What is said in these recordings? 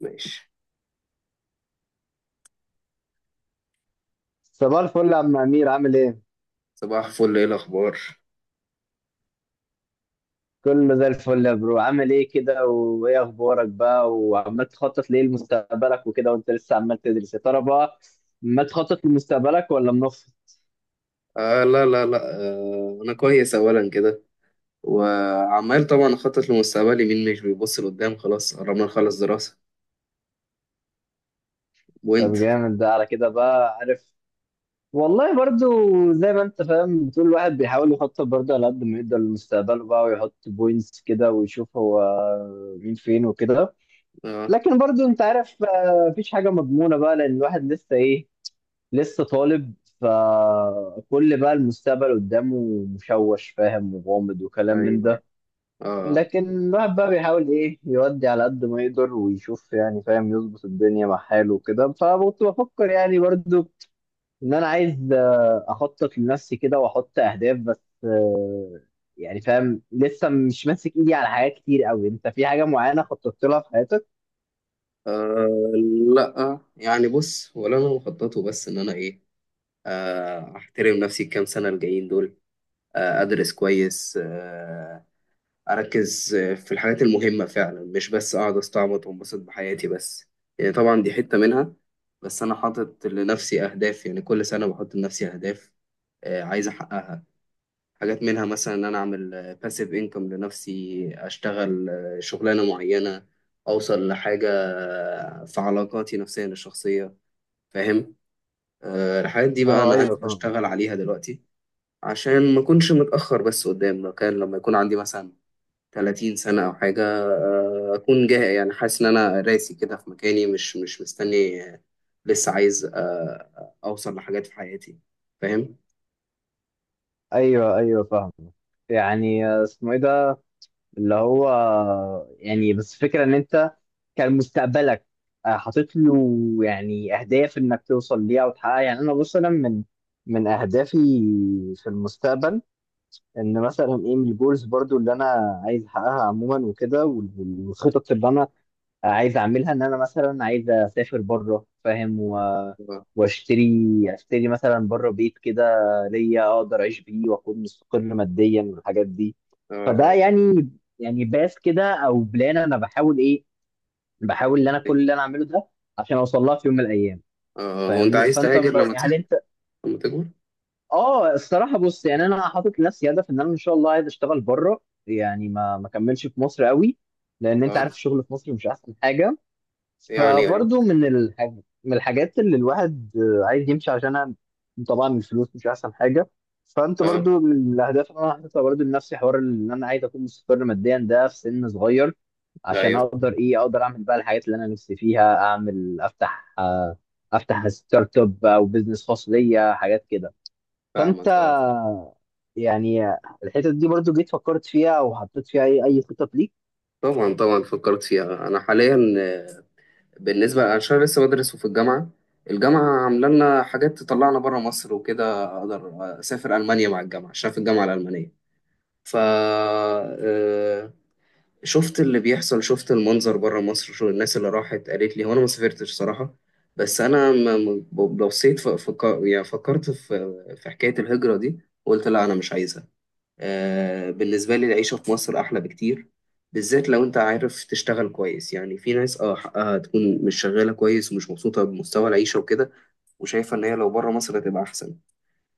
ماشي. صباح الفل يا عم أمير، عامل إيه؟ صباح الفل، ايه الاخبار؟ كله زي الفل يا برو، عامل إيه كده، وإيه أخبارك بقى، وعمال تخطط لإيه لمستقبلك وكده، وأنت لسه عمال تدرس يا ترى بقى، ما تخطط لمستقبلك ولا منفض؟ آه، لا لا لا، انا كويس اولا كده. وعمال طبعا اخطط لمستقبلي، مين مش بيبص لقدام؟ خلاص قربنا نخلص دراسة. وانت؟ طب جامد ده، على كده بقى عارف. والله برضو زي ما أنت فاهم، بتقول الواحد بيحاول يخطط برضو على قد ما يقدر لمستقبله بقى، ويحط بوينتس كده، ويشوف هو مين فين وكده. اه، لكن برضو أنت عارف، مفيش حاجة مضمونة بقى، لأن الواحد لسه إيه، لسه طالب. فكل بقى المستقبل قدامه مشوش، فاهم، وغامض وكلام ايوه، من أيوة. ده. اه. لكن الواحد بقى بيحاول ايه، يودي على قد ما يقدر ويشوف، يعني فاهم، يظبط الدنيا مع حاله وكده. فكنت بفكر يعني برضو ان انا عايز اخطط لنفسي كده واحط اهداف، بس يعني فاهم لسه مش ماسك ايدي على حاجات كتير قوي. انت في حاجة معينة خططت لها في حياتك؟ آه لا، يعني بص، ولا انا مخططه، بس ان انا ايه، احترم نفسي الكام سنة الجايين دول، ادرس كويس، اركز في الحاجات المهمه فعلا، مش بس اقعد استعبط وانبسط بحياتي بس، يعني طبعا دي حته منها. بس انا حاطط لنفسي اهداف، يعني كل سنه بحط لنفسي اهداف عايز احققها. حاجات منها مثلا ان انا اعمل باسيف انكم لنفسي، اشتغل شغلانه معينه، اوصل لحاجه في علاقاتي نفسيا الشخصيه. فاهم؟ الحاجات دي بقى اه انا ايوه قاعد فاهم. بشتغل عليها دلوقتي، عشان ما اكونش متاخر بس قدام. لو كان لما يكون عندي مثلا 30 سنة أو حاجة أكون جاهز، يعني حاسس إن أنا راسي كده في مكاني، مش مستني لسه عايز أوصل لحاجات في حياتي. فاهم؟ ايوه ايوه فاهم. يعني اسمه ايه ده، اللي هو، يعني بس فكرة ان انت كان مستقبلك حاطط له يعني اهداف انك توصل ليها وتحققها. يعني انا بص، انا من اهدافي في المستقبل، ان مثلا ايه، من الجولز برضو اللي انا عايز احققها عموما وكده، والخطط اللي انا عايز اعملها، ان انا مثلا عايز اسافر بره فاهم، آه. واشتري مثلا بره بيت كده ليا، اقدر اعيش بيه واكون مستقر ماديا والحاجات دي. فده آه. يعني، يعني باس كده او بلان، انا بحاول ايه، بحاول ان انا كل اللي انا اعمله ده عشان اوصل لها في يوم من الايام. آه. هو أنت فاهمني؟ عايز تهاجر لما هل تكبر؟ انت؟ لما تكبر؟ اه الصراحه، بص يعني انا حاطط لنفسي هدف ان انا ان شاء الله عايز اشتغل بره. يعني ما كملش في مصر قوي، لان انت أه. عارف الشغل في مصر مش احسن حاجه. يعني أه. فبرضه من الحاجات اللي الواحد عايز يمشي عشانها، طبعا الفلوس مش احسن حاجه. فانت أه. برضه من الاهداف اللي انا حاططها برضه لنفسي، حوار ان انا عايز اكون مستقر ماديا ده في سن صغير، عشان أيوه، اقدر ايه، اقدر اعمل بقى الحاجات اللي انا نفسي فيها اعمل، افتح افتح ستارت اب او بزنس خاص ليا، حاجات كده. فانت فاهمك. أه. يعني، الحتت دي برضه جيت فكرت فيها او حطيت فيها اي خطط ليك؟ طبعا فكرت فيها أنا حاليا بالنسبة أنا عشان لسه بدرس وفي الجامعة، الجامعة عاملة لنا حاجات تطلعنا بره مصر وكده، أقدر أسافر ألمانيا مع الجامعة عشان في الجامعة الألمانية. ف آه، شفت اللي بيحصل، شفت المنظر بره مصر، شو الناس اللي راحت قالت لي. هو انا ما سافرتش صراحة، بس انا بصيت يعني فكرت في حكاية الهجرة دي. قلت لا، انا مش عايزها. بالنسبة لي العيشة في مصر احلى بكتير، بالذات لو انت عارف تشتغل كويس. يعني في ناس اه حقها تكون مش شغالة كويس ومش مبسوطة بمستوى العيشة وكده، وشايفة ان هي لو بره مصر هتبقى احسن.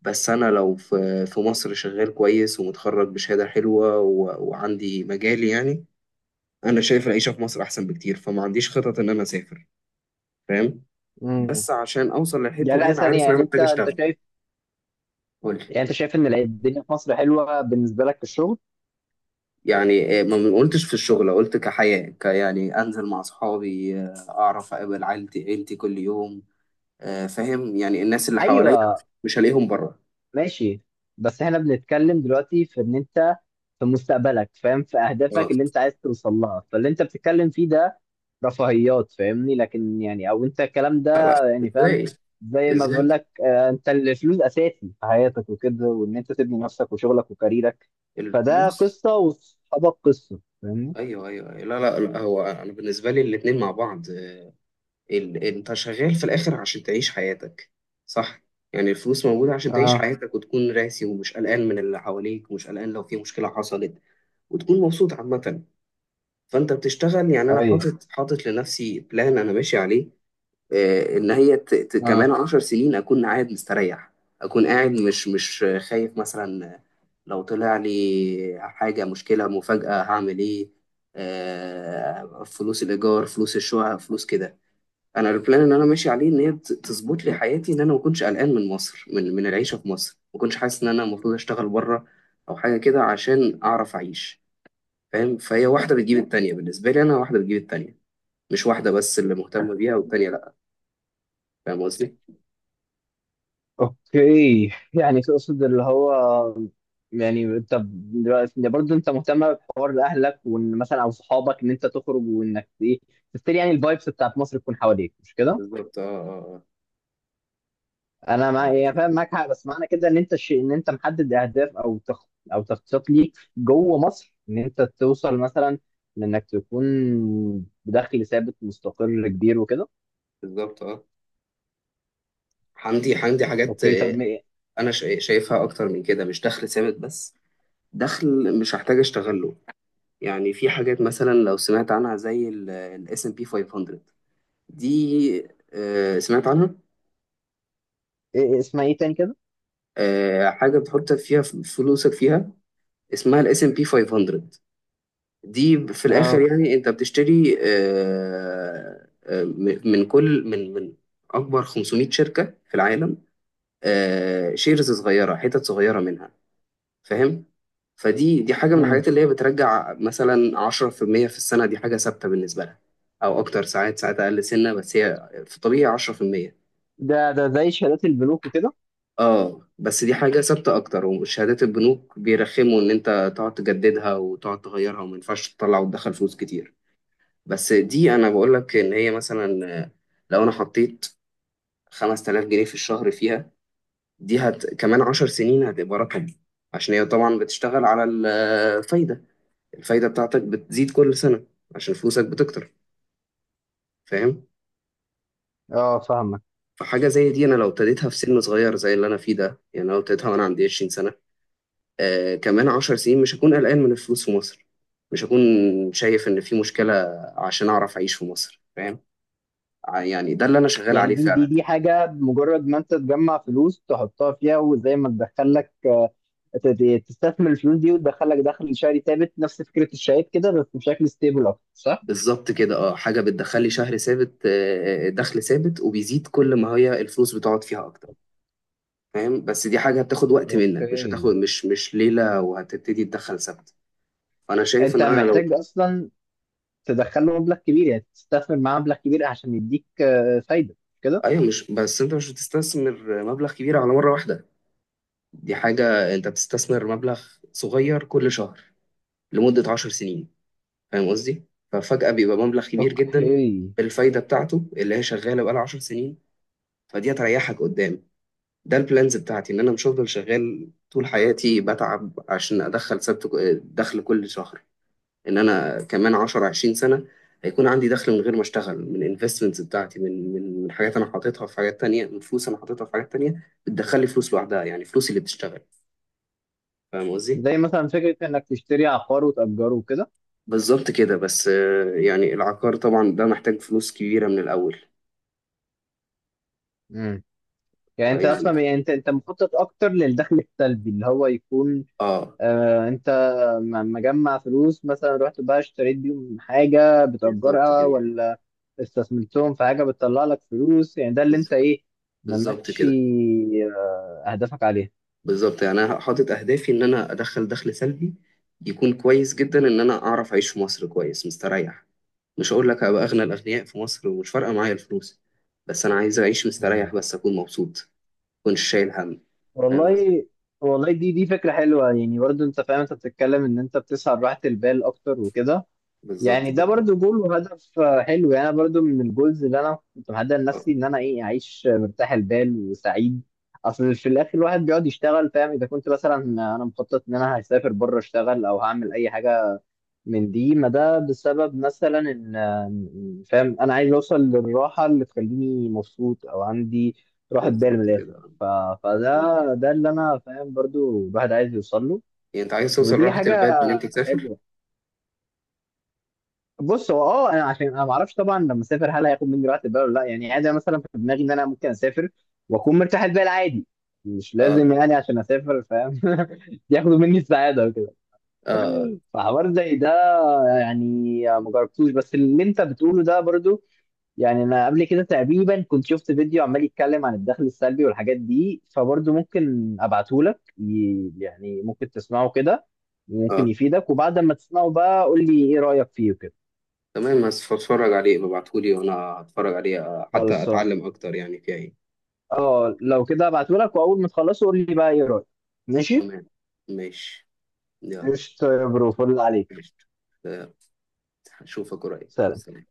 بس أنا لو في مصر شغال كويس، ومتخرج بشهادة حلوة، وعندي مجالي، يعني أنا شايف العيشة في مصر أحسن بكتير، فما عنديش خطط إن أنا أسافر. فاهم؟ امم بس عشان أوصل للحتة يعني دي لا أنا ثانيه، عارف إن يعني أنا انت محتاج انت أشتغل. شايف، قول. يعني انت شايف ان الدنيا في مصر حلوه بالنسبه لك في الشغل؟ يعني ما قلتش في الشغل، قلت كحياة ك، يعني أنزل مع صحابي أعرف أقابل عيلتي كل يوم فاهم؟ يعني الناس اللي حواليا ايوه. مش هلاقيهم بره. ماشي، بس احنا بنتكلم دلوقتي في ان انت في مستقبلك فاهم، في اهدافك اه، اللي انت عايز توصل لها، فاللي انت بتتكلم فيه ده رفاهيات فاهمني، لكن يعني او انت الكلام لا ده لا. يعني فاهم، ازاي؟ زي ما ازاي؟ بقول لك انت الفلوس اساسي في حياتك وكده، وان انت تبني نفسك وشغلك وكاريرك، فده الفلوس. قصه وصحابك قصه فاهمني. ايوه، ايوه، أيوة. لا لا لا، هو انا بالنسبه لي الاتنين مع بعض. انت شغال في الاخر عشان تعيش حياتك، صح؟ يعني الفلوس موجوده عشان تعيش اه حياتك، وتكون راسي، ومش قلقان من اللي حواليك، ومش قلقان لو في مشكله حصلت، وتكون مبسوط عامه. فانت بتشتغل، يعني انا اي حاطط لنفسي بلان انا ماشي عليه. ان هي كمان اه. عشر سنين اكون قاعد مستريح، اكون قاعد مش خايف مثلا لو طلع لي حاجه، مشكله مفاجاه، هعمل ايه؟ فلوس الايجار، فلوس الشقه، فلوس كده. انا البلان اللي انا ماشي عليه ان هي تظبط لي حياتي، ان انا ما اكونش قلقان من مصر، من العيشه في مصر، ما اكونش حاسس ان انا المفروض اشتغل بره او حاجه كده عشان اعرف اعيش. فاهم؟ فهي واحده بتجيب التانيه. بالنسبه لي انا واحده بتجيب التانيه، مش واحده بس اللي مهتمه بيها والتانيه لا. فاهم قصدي؟ اوكي، يعني تقصد اللي هو، يعني طب دلوقتي برضه انت مهتم بحوار اهلك وان مثلا او صحابك ان انت تخرج، وانك ايه، تفتري يعني الفايبس بتاعت مصر تكون حواليك، مش كده؟ بالظبط، اه، اه. انا مع، آه. يعني فاهم معاك حق، بس معنى كده ان انت الشيء، ان انت محدد اهداف او تخطيط ليك جوه مصر، ان انت توصل مثلا، لانك تكون بدخل ثابت مستقر كبير وكده. بالظبط، اه. عندي حاجات. اوكي طب ايه؟ انا شايفها اكتر من كده، مش دخل ثابت بس، دخل مش هحتاج اشتغله. يعني في حاجات مثلا لو سمعت عنها زي الاس ام بي 500، دي. سمعت عنها؟ إيه اسمها ايه تاني كده؟ حاجه بتحط فيها فلوسك فيها، اسمها الاس ام بي 500. دي في الاخر اه. يعني انت بتشتري، من كل، من اكبر 500 شركه في العالم، شيرز صغيرة، حتت صغيرة منها. فاهم؟ فدي حاجة من امم الحاجات اللي هي بترجع مثلا 10% في المية في السنة، دي حاجة ثابتة بالنسبة لها، أو أكتر. ساعات ساعات أقل سنة، بس هي في الطبيعي 10%. ده زي شهادات البنوك وكده؟ اه، بس دي حاجة ثابتة أكتر. وشهادات البنوك بيرخموا إن أنت تقعد تجددها وتقعد تغيرها، وما ينفعش تطلع وتدخل فلوس كتير. بس دي أنا بقول لك إن هي مثلا لو أنا حطيت 5,000 جنيه في الشهر فيها، دي كمان عشر سنين هتبقى رقم، عشان هي طبعا بتشتغل على الفايدة. الفايدة بتاعتك بتزيد كل سنة عشان فلوسك بتكتر. فاهم؟ اه فاهمك. فحاجة زي دي أنا لو ابتديتها في سن صغير زي اللي أنا فيه ده، يعني لو ابتديتها وأنا عندي 20 سنة، كمان عشر سنين مش هكون قلقان من الفلوس في مصر، مش هكون شايف إن في مشكلة، عشان أعرف أعيش في مصر. فاهم؟ يعني ده اللي أنا شغال يعني عليه دي دي فعلا. دي حاجة، مجرد ما انت تجمع فلوس تحطها فيها وزي ما تدخل لك، تستثمر الفلوس دي وتدخل لك دخل شهري ثابت، نفس فكرة الشهادات كده بس بشكل ستيبل اكتر، صح؟ بالظبط كده. اه، حاجة بتدخلي شهر ثابت، دخل ثابت، وبيزيد كل ما هي الفلوس بتقعد فيها أكتر. فاهم؟ بس دي حاجة هتاخد وقت منك، مش اوكي. هتاخد مش ليلة وهتبتدي تدخل ثابت. أنا شايف انت إن أنا لو... محتاج اصلا تدخل له مبلغ كبير، يعني تستثمر معاه مبلغ كبير عشان يديك فايدة كده. أيوة، مش بس، أنت مش بتستثمر مبلغ كبير على مرة واحدة. دي حاجة أنت بتستثمر مبلغ صغير كل شهر لمدة عشر سنين. فاهم قصدي؟ ففجأة بيبقى مبلغ كبير جدا، اوكي، بالفايدة بتاعته اللي هي شغالة بقالها عشر سنين. فدي هتريحك قدام. ده البلانز بتاعتي، إن أنا مش هفضل شغال طول حياتي بتعب عشان أدخل ثابت دخل كل شهر. ان انا كمان 10 20 سنه هيكون عندي دخل من غير ما اشتغل، من انفستمنتس بتاعتي، من حاجات انا حاططها في حاجات تانية، من فلوس انا حاططها في حاجات تانية بتدخل لي فلوس لوحدها، يعني فلوسي اللي بتشتغل. فاهم قصدي؟ زي مثلا فكرة انك تشتري عقار وتأجره وكده. بالظبط كده. بس يعني العقار طبعا ده محتاج فلوس كبيره من الاول. مم. يعني انت يعني اصلا، يعني انت مخطط اكتر للدخل السلبي، اللي هو يكون اه. انت مجمع فلوس مثلا رحت بقى اشتريت بيهم حاجة بالظبط بتأجرها، كده. ولا استثمرتهم في حاجة بتطلع لك فلوس، يعني ده اللي بز- انت ايه، بالظبط ممشي كده. اهدافك عليها. بالظبط، يعني انا حاطط اهدافي ان انا ادخل دخل سلبي يكون كويس جدا، ان انا اعرف اعيش في مصر كويس مستريح. مش هقول لك هبقى أغنى الأغنياء في مصر ومش فارقة معايا الفلوس، بس أنا عايز أعيش مم. مستريح بس، أكون مبسوط، مكنش شايل هم. فاهم قصدي؟ والله، والله دي فكرة حلوة، يعني برضه انت فاهم انت بتتكلم ان انت بتسعى لراحة البال اكتر وكده. بالظبط يعني ده كده. برضو جول وهدف حلو. يعني أنا برضو من الجولز اللي انا كنت محدد آه، لنفسي، ان انا ايه، اعيش مرتاح البال وسعيد. اصل في الاخر الواحد بيقعد يشتغل فاهم، اذا كنت مثلا انا مخطط ان انا هسافر بره اشتغل او هعمل اي حاجه من دي، ما ده بسبب مثلا ان فاهم انا عايز اوصل للراحه اللي تخليني مبسوط او عندي راحه بال من بالظبط الاخر. كده. آه. ف... فده، آه. ده اللي انا فاهم برضو الواحد عايز يوصل له. يعني أنت عايز توصل ودي لراحة حاجه البال إن أنت تسافر؟ حلوه. بص هو اه، انا عشان انا ما اعرفش طبعا لما اسافر هل هياخد مني وقت ده ولا لا، يعني عادي، أنا مثلا في دماغي ان انا ممكن اسافر واكون مرتاح البال عادي، مش آه. لازم يعني عشان اسافر فاهم ياخدوا مني السعاده وكده. آه. فحوار زي ده، يعني ما جربتوش، بس اللي انت بتقوله ده برضو، يعني انا قبل كده تقريبا كنت شفت فيديو عمال يتكلم عن الدخل السلبي والحاجات دي، فبرضو ممكن ابعته لك، يعني ممكن تسمعه كده، وممكن آه. يفيدك، وبعد ما تسمعه بقى قول لي ايه رايك فيه وكده. تمام، بس فاتفرج عليه، ببعتهولي وأنا هتفرج عليه حتى خالص. أتعلم أكتر يعني فيها إيه. اه لو كده هبعتهولك، واول ما تخلصه قول لي بقى ايه رايك. ماشي. تمام. ماشي. يلا. قشطة يا برو، فل عليك. ماشي. آه، هشوفك قريب. سلام. سلام.